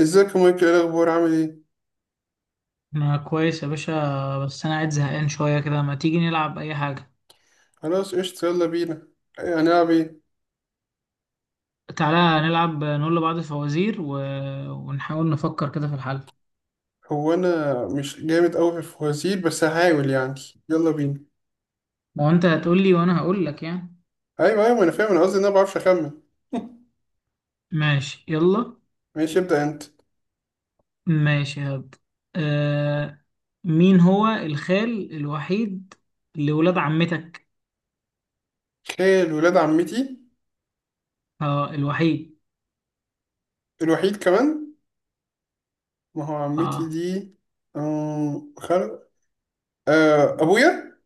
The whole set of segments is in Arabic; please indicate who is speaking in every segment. Speaker 1: ازيك يا مايكل؟ ايه الاخبار؟ عامل ايه؟
Speaker 2: ما كويس يا باشا. بس انا قاعد زهقان شويه كده، ما تيجي نلعب اي حاجه؟
Speaker 1: خلاص، قشطة، يلا بينا. هنلعب ايه؟
Speaker 2: تعالى نلعب نقول لبعض فوازير ونحاول نفكر كده في الحل.
Speaker 1: هو انا مش جامد قوي في الفوازير، بس هحاول يعني. يلا بينا.
Speaker 2: ما هو انت هتقول لي وانا هقول لك يعني.
Speaker 1: ايوه، ايوه، ما انا فاهم. انا قصدي ان انا ما بعرفش اخمن.
Speaker 2: ماشي يلا.
Speaker 1: ماشي، ابدا انت.
Speaker 2: ماشي هبدأ. آه... مين هو الخال الوحيد لولاد عمتك؟
Speaker 1: خال ولاد عمتي.
Speaker 2: اه الوحيد.
Speaker 1: الوحيد كمان. ما هو عمتي
Speaker 2: اه،
Speaker 1: دي أم... خل... ابويا.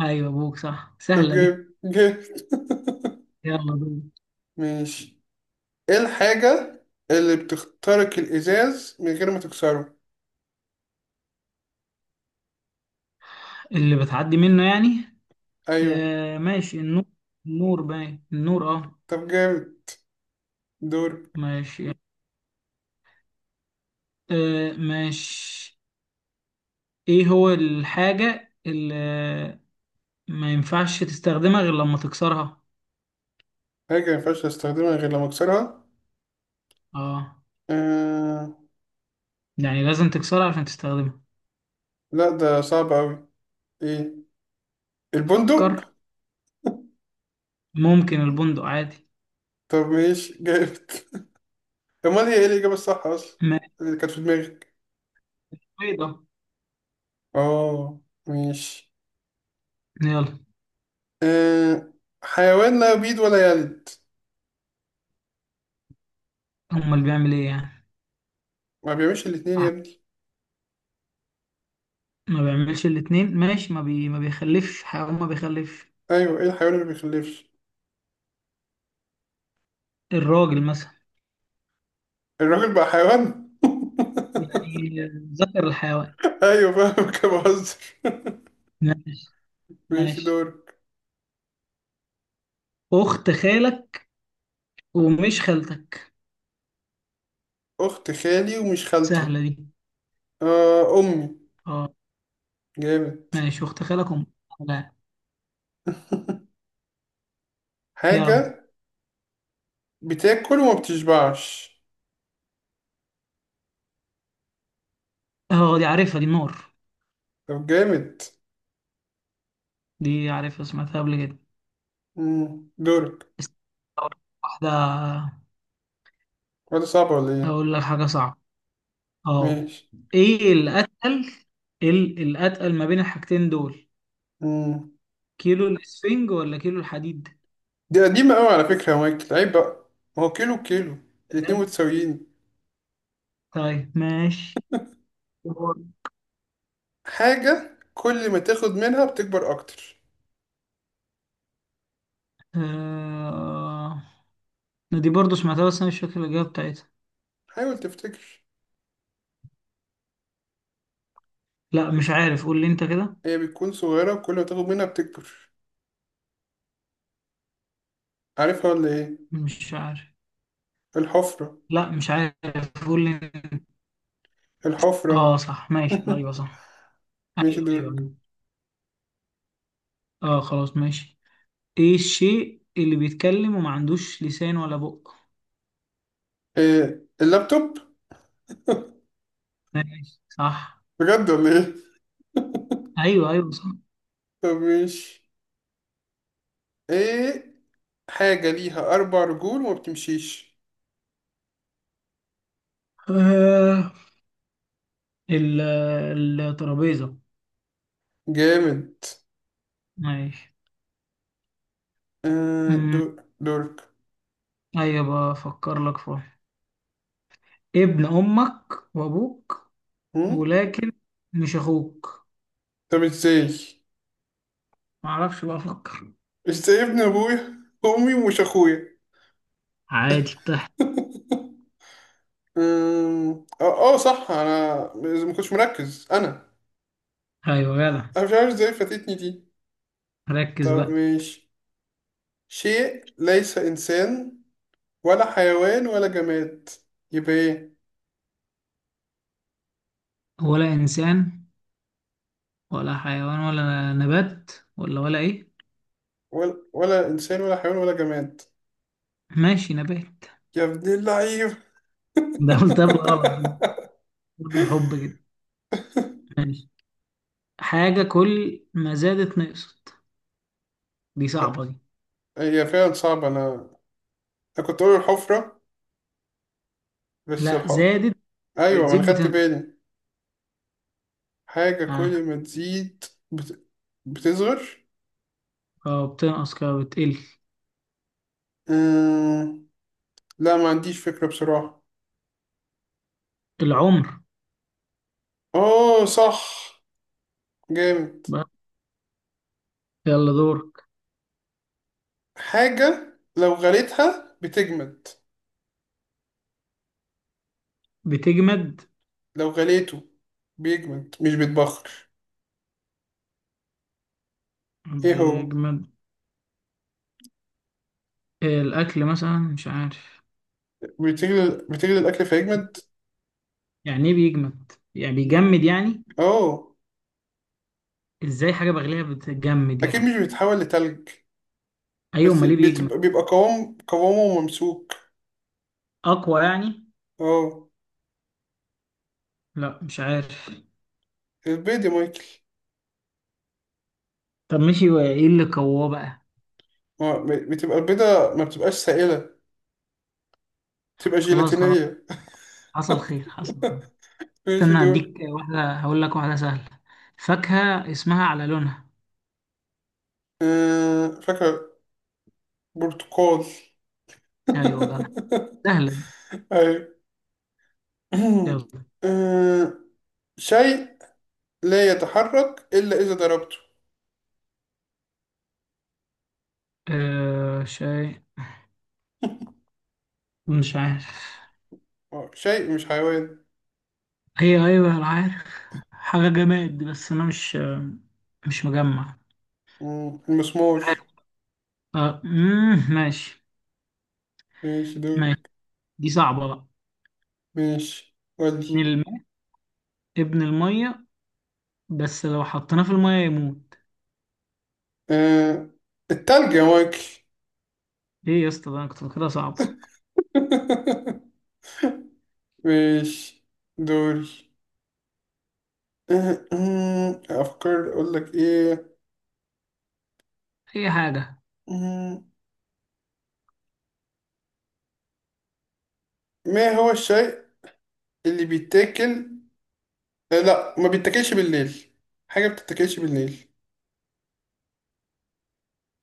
Speaker 2: ايوه ابوك صح،
Speaker 1: طب،
Speaker 2: سهله دي.
Speaker 1: جيب جيب.
Speaker 2: يلا دول.
Speaker 1: ماشي. ايه الحاجة اللي بتخترق الازاز من غير ما تكسره؟
Speaker 2: اللي بتعدي منه يعني.
Speaker 1: ايوه.
Speaker 2: ماشي النور. النور باين النور اه.
Speaker 1: طب جامد. دور.
Speaker 2: ماشي. آه ماشي. ايه هو الحاجة اللي ما ينفعش تستخدمها غير لما تكسرها؟
Speaker 1: حاجة مينفعش أستخدمها غير لما أكسرها.
Speaker 2: اه،
Speaker 1: آه...
Speaker 2: يعني لازم تكسرها عشان تستخدمها.
Speaker 1: لا، ده صعب أوي. إيه؟
Speaker 2: فكر.
Speaker 1: البندق.
Speaker 2: ممكن البندق عادي.
Speaker 1: طب ماشي جامد. أمال هي إيه الإجابة الصح أصلا،
Speaker 2: ما
Speaker 1: اللي كانت في دماغك؟
Speaker 2: بيضة.
Speaker 1: آه. ماشي.
Speaker 2: يلا.
Speaker 1: آه... حيوان لا يبيض ولا يلد.
Speaker 2: امال بيعمل ايه يعني؟
Speaker 1: ما بيعملش الاتنين يا
Speaker 2: ع-
Speaker 1: ابني.
Speaker 2: ما بيعملش الاتنين ماشي، ما بيخلفش، حيوان ما بيخلفش.
Speaker 1: أيوه، إيه الحيوان اللي ما بيخلفش؟
Speaker 2: الراجل مثلا.
Speaker 1: الراجل بقى حيوان؟
Speaker 2: يعني ذكر الحيوان.
Speaker 1: أيوه فاهم، كده بهزر.
Speaker 2: ماشي.
Speaker 1: ماشي
Speaker 2: ماشي
Speaker 1: دورك.
Speaker 2: اخت خالك ومش خالتك.
Speaker 1: أخت خالي ومش خالتي.
Speaker 2: سهلة دي.
Speaker 1: آه، أمي.
Speaker 2: اه.
Speaker 1: جامد.
Speaker 2: ماشي اخت خالك ومش خالك. يلا.
Speaker 1: حاجة بتاكل وما بتشبعش.
Speaker 2: اه دي عارفها دي، نور.
Speaker 1: طب جامد.
Speaker 2: دي عارفها سمعتها قبل كده.
Speaker 1: مم. دورك.
Speaker 2: است- أول واحدة
Speaker 1: ولا صعب ولا ايه؟
Speaker 2: أقول لك حاجة صعبة، اه.
Speaker 1: ماشي.
Speaker 2: ايه الأتقل؟ إيه الأتقل ما بين الحاجتين دول؟
Speaker 1: مم.
Speaker 2: كيلو الإسفنج ولا كيلو الحديد؟
Speaker 1: دي قديمة قوي على فكرة يا مايكل، عيب بقى. ما هو كيلو كيلو، الاتنين
Speaker 2: تمام؟
Speaker 1: متساويين.
Speaker 2: طيب ماشي.
Speaker 1: حاجة كل ما تاخد منها بتكبر أكتر.
Speaker 2: آه... دي برضو سمعتها بس أنا مش فاكر الإجابة بتاعتها.
Speaker 1: حاول تفتكر.
Speaker 2: لا مش عارف، قول لي أنت كده.
Speaker 1: هي بتكون صغيرة وكل ما تاخد منها بتكبر. عارفها ولا ايه؟
Speaker 2: مش عارف.
Speaker 1: الحفرة.
Speaker 2: لا مش عارف، قول لي أنت.
Speaker 1: الحفرة.
Speaker 2: اه صح ماشي، ايوه صح.
Speaker 1: ماشي
Speaker 2: ايوه ايوه
Speaker 1: دورك.
Speaker 2: أيوة. اه خلاص ماشي. ايه الشيء اللي بيتكلم وما عندوش لسان ولا بق؟
Speaker 1: إيه؟ اللابتوب.
Speaker 2: ماشي صح.
Speaker 1: بجد ولا ايه؟
Speaker 2: ايوه ايوه صح.
Speaker 1: طب ماشي. ايه؟ حاجة ليها أربع رجول وما بتمشيش.
Speaker 2: آه. ال- الترابيزة.
Speaker 1: جامد.
Speaker 2: ماشي.
Speaker 1: آه،
Speaker 2: أمم،
Speaker 1: دور. دورك.
Speaker 2: ايوه بفكر لك فيها. ابن امك وابوك
Speaker 1: هم؟
Speaker 2: ولكن مش اخوك.
Speaker 1: طب ازاي
Speaker 2: معرفش بقى افكر.
Speaker 1: ازاي ابن أبويا أمي ومش أخويا؟
Speaker 2: عادي بتحت.
Speaker 1: اه، آه، صح. أنا ما كنتش مركز أنا
Speaker 2: ايوه جدع،
Speaker 1: أنا مش عارف ازاي فاتتني دي.
Speaker 2: ركز
Speaker 1: طب
Speaker 2: بقى.
Speaker 1: ماشي. شيء ليس إنسان ولا حيوان ولا جماد، يبقى ايه؟
Speaker 2: ولا انسان ولا حيوان ولا نبات، ولا ولا ايه.
Speaker 1: ولا إنسان ولا حيوان ولا جماد.
Speaker 2: ماشي نبات.
Speaker 1: يا ابن اللعيب.
Speaker 2: ده قلت غلط، برضه الحب كده. ماشي. حاجة كل ما زادت نقصت. دي صعبة دي.
Speaker 1: هي فعلا صعبة. أنا كنت أقول الحفرة، بس
Speaker 2: لا
Speaker 1: الحفرة.
Speaker 2: زادت.
Speaker 1: أيوة، ما أنا
Speaker 2: بتزيد
Speaker 1: خدت
Speaker 2: بتنقص.
Speaker 1: بالي. حاجة
Speaker 2: ها.
Speaker 1: كل ما تزيد، بت... بتصغر.
Speaker 2: اه بتنقص كده بتقل.
Speaker 1: أمم... لا، ما عنديش فكرة بصراحة.
Speaker 2: العمر.
Speaker 1: أوه، صح، جامد.
Speaker 2: بقى يلا دورك.
Speaker 1: حاجة لو غليتها بتجمد.
Speaker 2: بتجمد.
Speaker 1: لو غليته بيجمد مش بيتبخر. إيه هو؟
Speaker 2: بيجمد. آه، الأكل مثلا مش عارف.
Speaker 1: بتغلي بتغلي الأكل فيجمد.
Speaker 2: يعني ايه بيجمد؟ يعني
Speaker 1: ب...
Speaker 2: بيجمد يعني.
Speaker 1: أوه.
Speaker 2: ازاي حاجة بغليها بتجمد
Speaker 1: أكيد مش
Speaker 2: يعني؟
Speaker 1: بيتحول لتلج،
Speaker 2: ايوه
Speaker 1: بس
Speaker 2: امال ليه بيجمد؟
Speaker 1: بتبقى، بيبقى قوام، قوامه ممسوك.
Speaker 2: اقوى يعني؟
Speaker 1: أوه،
Speaker 2: لا مش عارف.
Speaker 1: البيضة يا مايكل.
Speaker 2: طب ماشي ايه اللي قواه بقى؟
Speaker 1: بتبقى البيضة ما بتبقاش سائلة، بتبقى
Speaker 2: خلاص خلاص،
Speaker 1: جيلاتينية.
Speaker 2: حصل خير حصل خير.
Speaker 1: ماشي
Speaker 2: استنى
Speaker 1: دول.
Speaker 2: اديك واحدة، هقول لك واحدة سهلة. فاكهة اسمها على لونها.
Speaker 1: آه، فاكهة. برتقال.
Speaker 2: ايوه جدع، سهلة دي.
Speaker 1: أيوة.
Speaker 2: يلا.
Speaker 1: آه. شيء لا يتحرك إلا إذا ضربته.
Speaker 2: آه شيء مش عارف.
Speaker 1: آه، شيء مش حيوان.
Speaker 2: هي ايوه انا عارف، حاجة جماد بس انا مش مجمع
Speaker 1: المسمار.
Speaker 2: عارف. آه مم ماشي.
Speaker 1: ماشي دول.
Speaker 2: ماشي. دي صعبة بقى.
Speaker 1: ماشي
Speaker 2: ابن
Speaker 1: ودي.
Speaker 2: الماء، ابن المية، بس لو حطيناه في المية يموت.
Speaker 1: آه، التلج يا مايكل.
Speaker 2: ايه يا اسطى ده انا كنت فاكرها صعبة.
Speaker 1: ماشي دوري. أفكر أقول لك إيه.
Speaker 2: اي حاجة.
Speaker 1: مم. ما هو الشيء اللي بيتاكل؟ لا، ما بيتاكلش بالليل. حاجة بتتاكلش بالليل.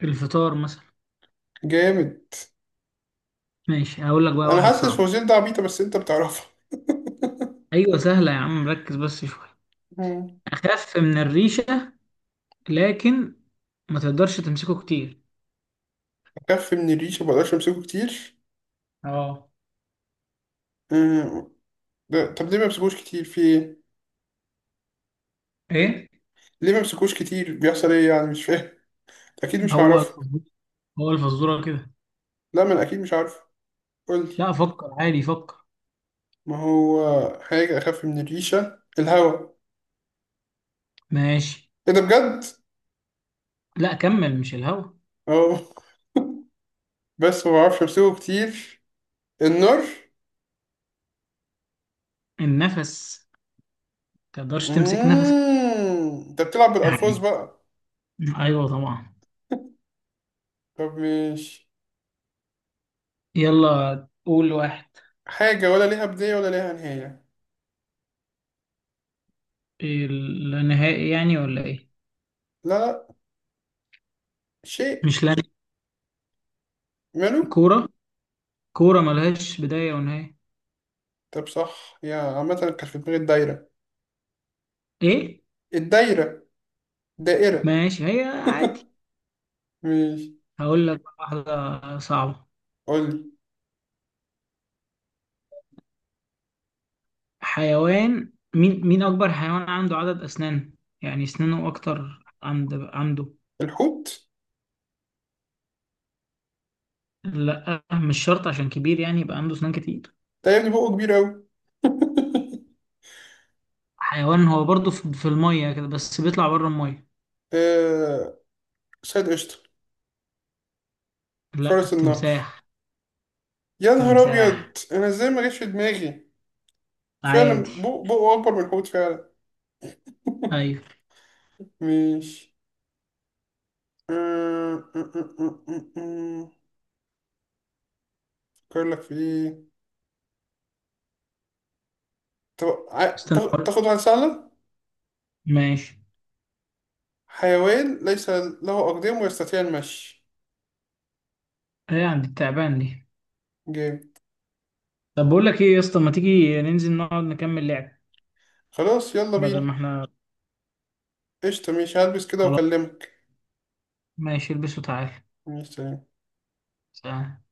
Speaker 2: الفطار مثلا.
Speaker 1: جامد.
Speaker 2: ماشي هقول لك بقى
Speaker 1: انا
Speaker 2: واحد
Speaker 1: حاسس
Speaker 2: صعب.
Speaker 1: الفوزيل ده عبيطة، بس انت بتعرفها.
Speaker 2: ايوه سهلة يا عم، ركز بس شوية.
Speaker 1: مم.
Speaker 2: أخف من الريشة لكن ما تقدرش تمسكه كتير.
Speaker 1: بخاف من الريش ما بقدرش امسكه كتير.
Speaker 2: اه.
Speaker 1: مم. ده طب ليه ما بمسكوش كتير؟ في ايه؟
Speaker 2: ايه
Speaker 1: ليه ما بمسكوش كتير؟ بيحصل ايه يعني؟ مش فاهم. اكيد مش
Speaker 2: هو
Speaker 1: هعرف.
Speaker 2: الفزورة؟ هو الفزورة كده.
Speaker 1: لا، ما انا اكيد مش عارف، قول لي.
Speaker 2: لا فكر عادي، فكر.
Speaker 1: ما هو حاجة اخف من الريشة، الهوا.
Speaker 2: ماشي.
Speaker 1: ايه ده بجد؟
Speaker 2: لا كمل، مش الهوا.
Speaker 1: اه. بس ما بعرفش امسكه كتير. النار.
Speaker 2: النفس، ما تقدرش تمسك نفسك.
Speaker 1: انت بتلعب بالالفاظ
Speaker 2: يعني.
Speaker 1: بقى.
Speaker 2: أيوه طبعا.
Speaker 1: طب، مش،
Speaker 2: يلا قول واحد.
Speaker 1: حاجه ولا ليها بدايه ولا ليها نهايه.
Speaker 2: النهائي يعني ولا إيه؟
Speaker 1: لا، لا. شيء
Speaker 2: مش لا.
Speaker 1: ماله.
Speaker 2: كورة، كورة ملهاش بداية ونهاية.
Speaker 1: طب صح، يا عامه كانت في دماغي الدايره.
Speaker 2: إيه؟
Speaker 1: الدايره. دائره.
Speaker 2: ماشي هي عادي.
Speaker 1: مش،
Speaker 2: هقول لك واحدة صعبة.
Speaker 1: قول لي.
Speaker 2: حيوان مين أكبر حيوان عنده عدد أسنان؟ يعني أسنانه أكتر عنده.
Speaker 1: الحوت.
Speaker 2: لا مش شرط عشان كبير يعني يبقى عنده أسنان كتير.
Speaker 1: ده يا ابني بقه كبير قوي.
Speaker 2: حيوان هو برضه في المية كده بس بيطلع بره المية.
Speaker 1: آه... سيد قشطه.
Speaker 2: لا
Speaker 1: فرس النهر.
Speaker 2: التمساح.
Speaker 1: يا نهار ابيض،
Speaker 2: تمساح
Speaker 1: انا ازاي ما جاش في دماغي؟
Speaker 2: عادي.
Speaker 1: فعلا، بقه اكبر من الحوت فعلا.
Speaker 2: أيوه.
Speaker 1: مش، آه، آه، آه، آه، آه، آه. بيقول لك في إيه.
Speaker 2: استنى.
Speaker 1: تاخد واحد سهلة.
Speaker 2: ماشي
Speaker 1: حيوان ليس له أقدام ويستطيع المشي.
Speaker 2: هي عند التعبان دي.
Speaker 1: جامد.
Speaker 2: طب بقول لك إيه يا اسطى، ما تيجي ننزل نقعد نكمل لعب
Speaker 1: خلاص يلا
Speaker 2: بدل
Speaker 1: بينا.
Speaker 2: ما إحنا.
Speaker 1: قشطة، ماشي، هلبس كده
Speaker 2: خلاص.
Speaker 1: وأكلمك.
Speaker 2: ماشي البسوا تعالى.
Speaker 1: ماشي، سلام.
Speaker 2: سلام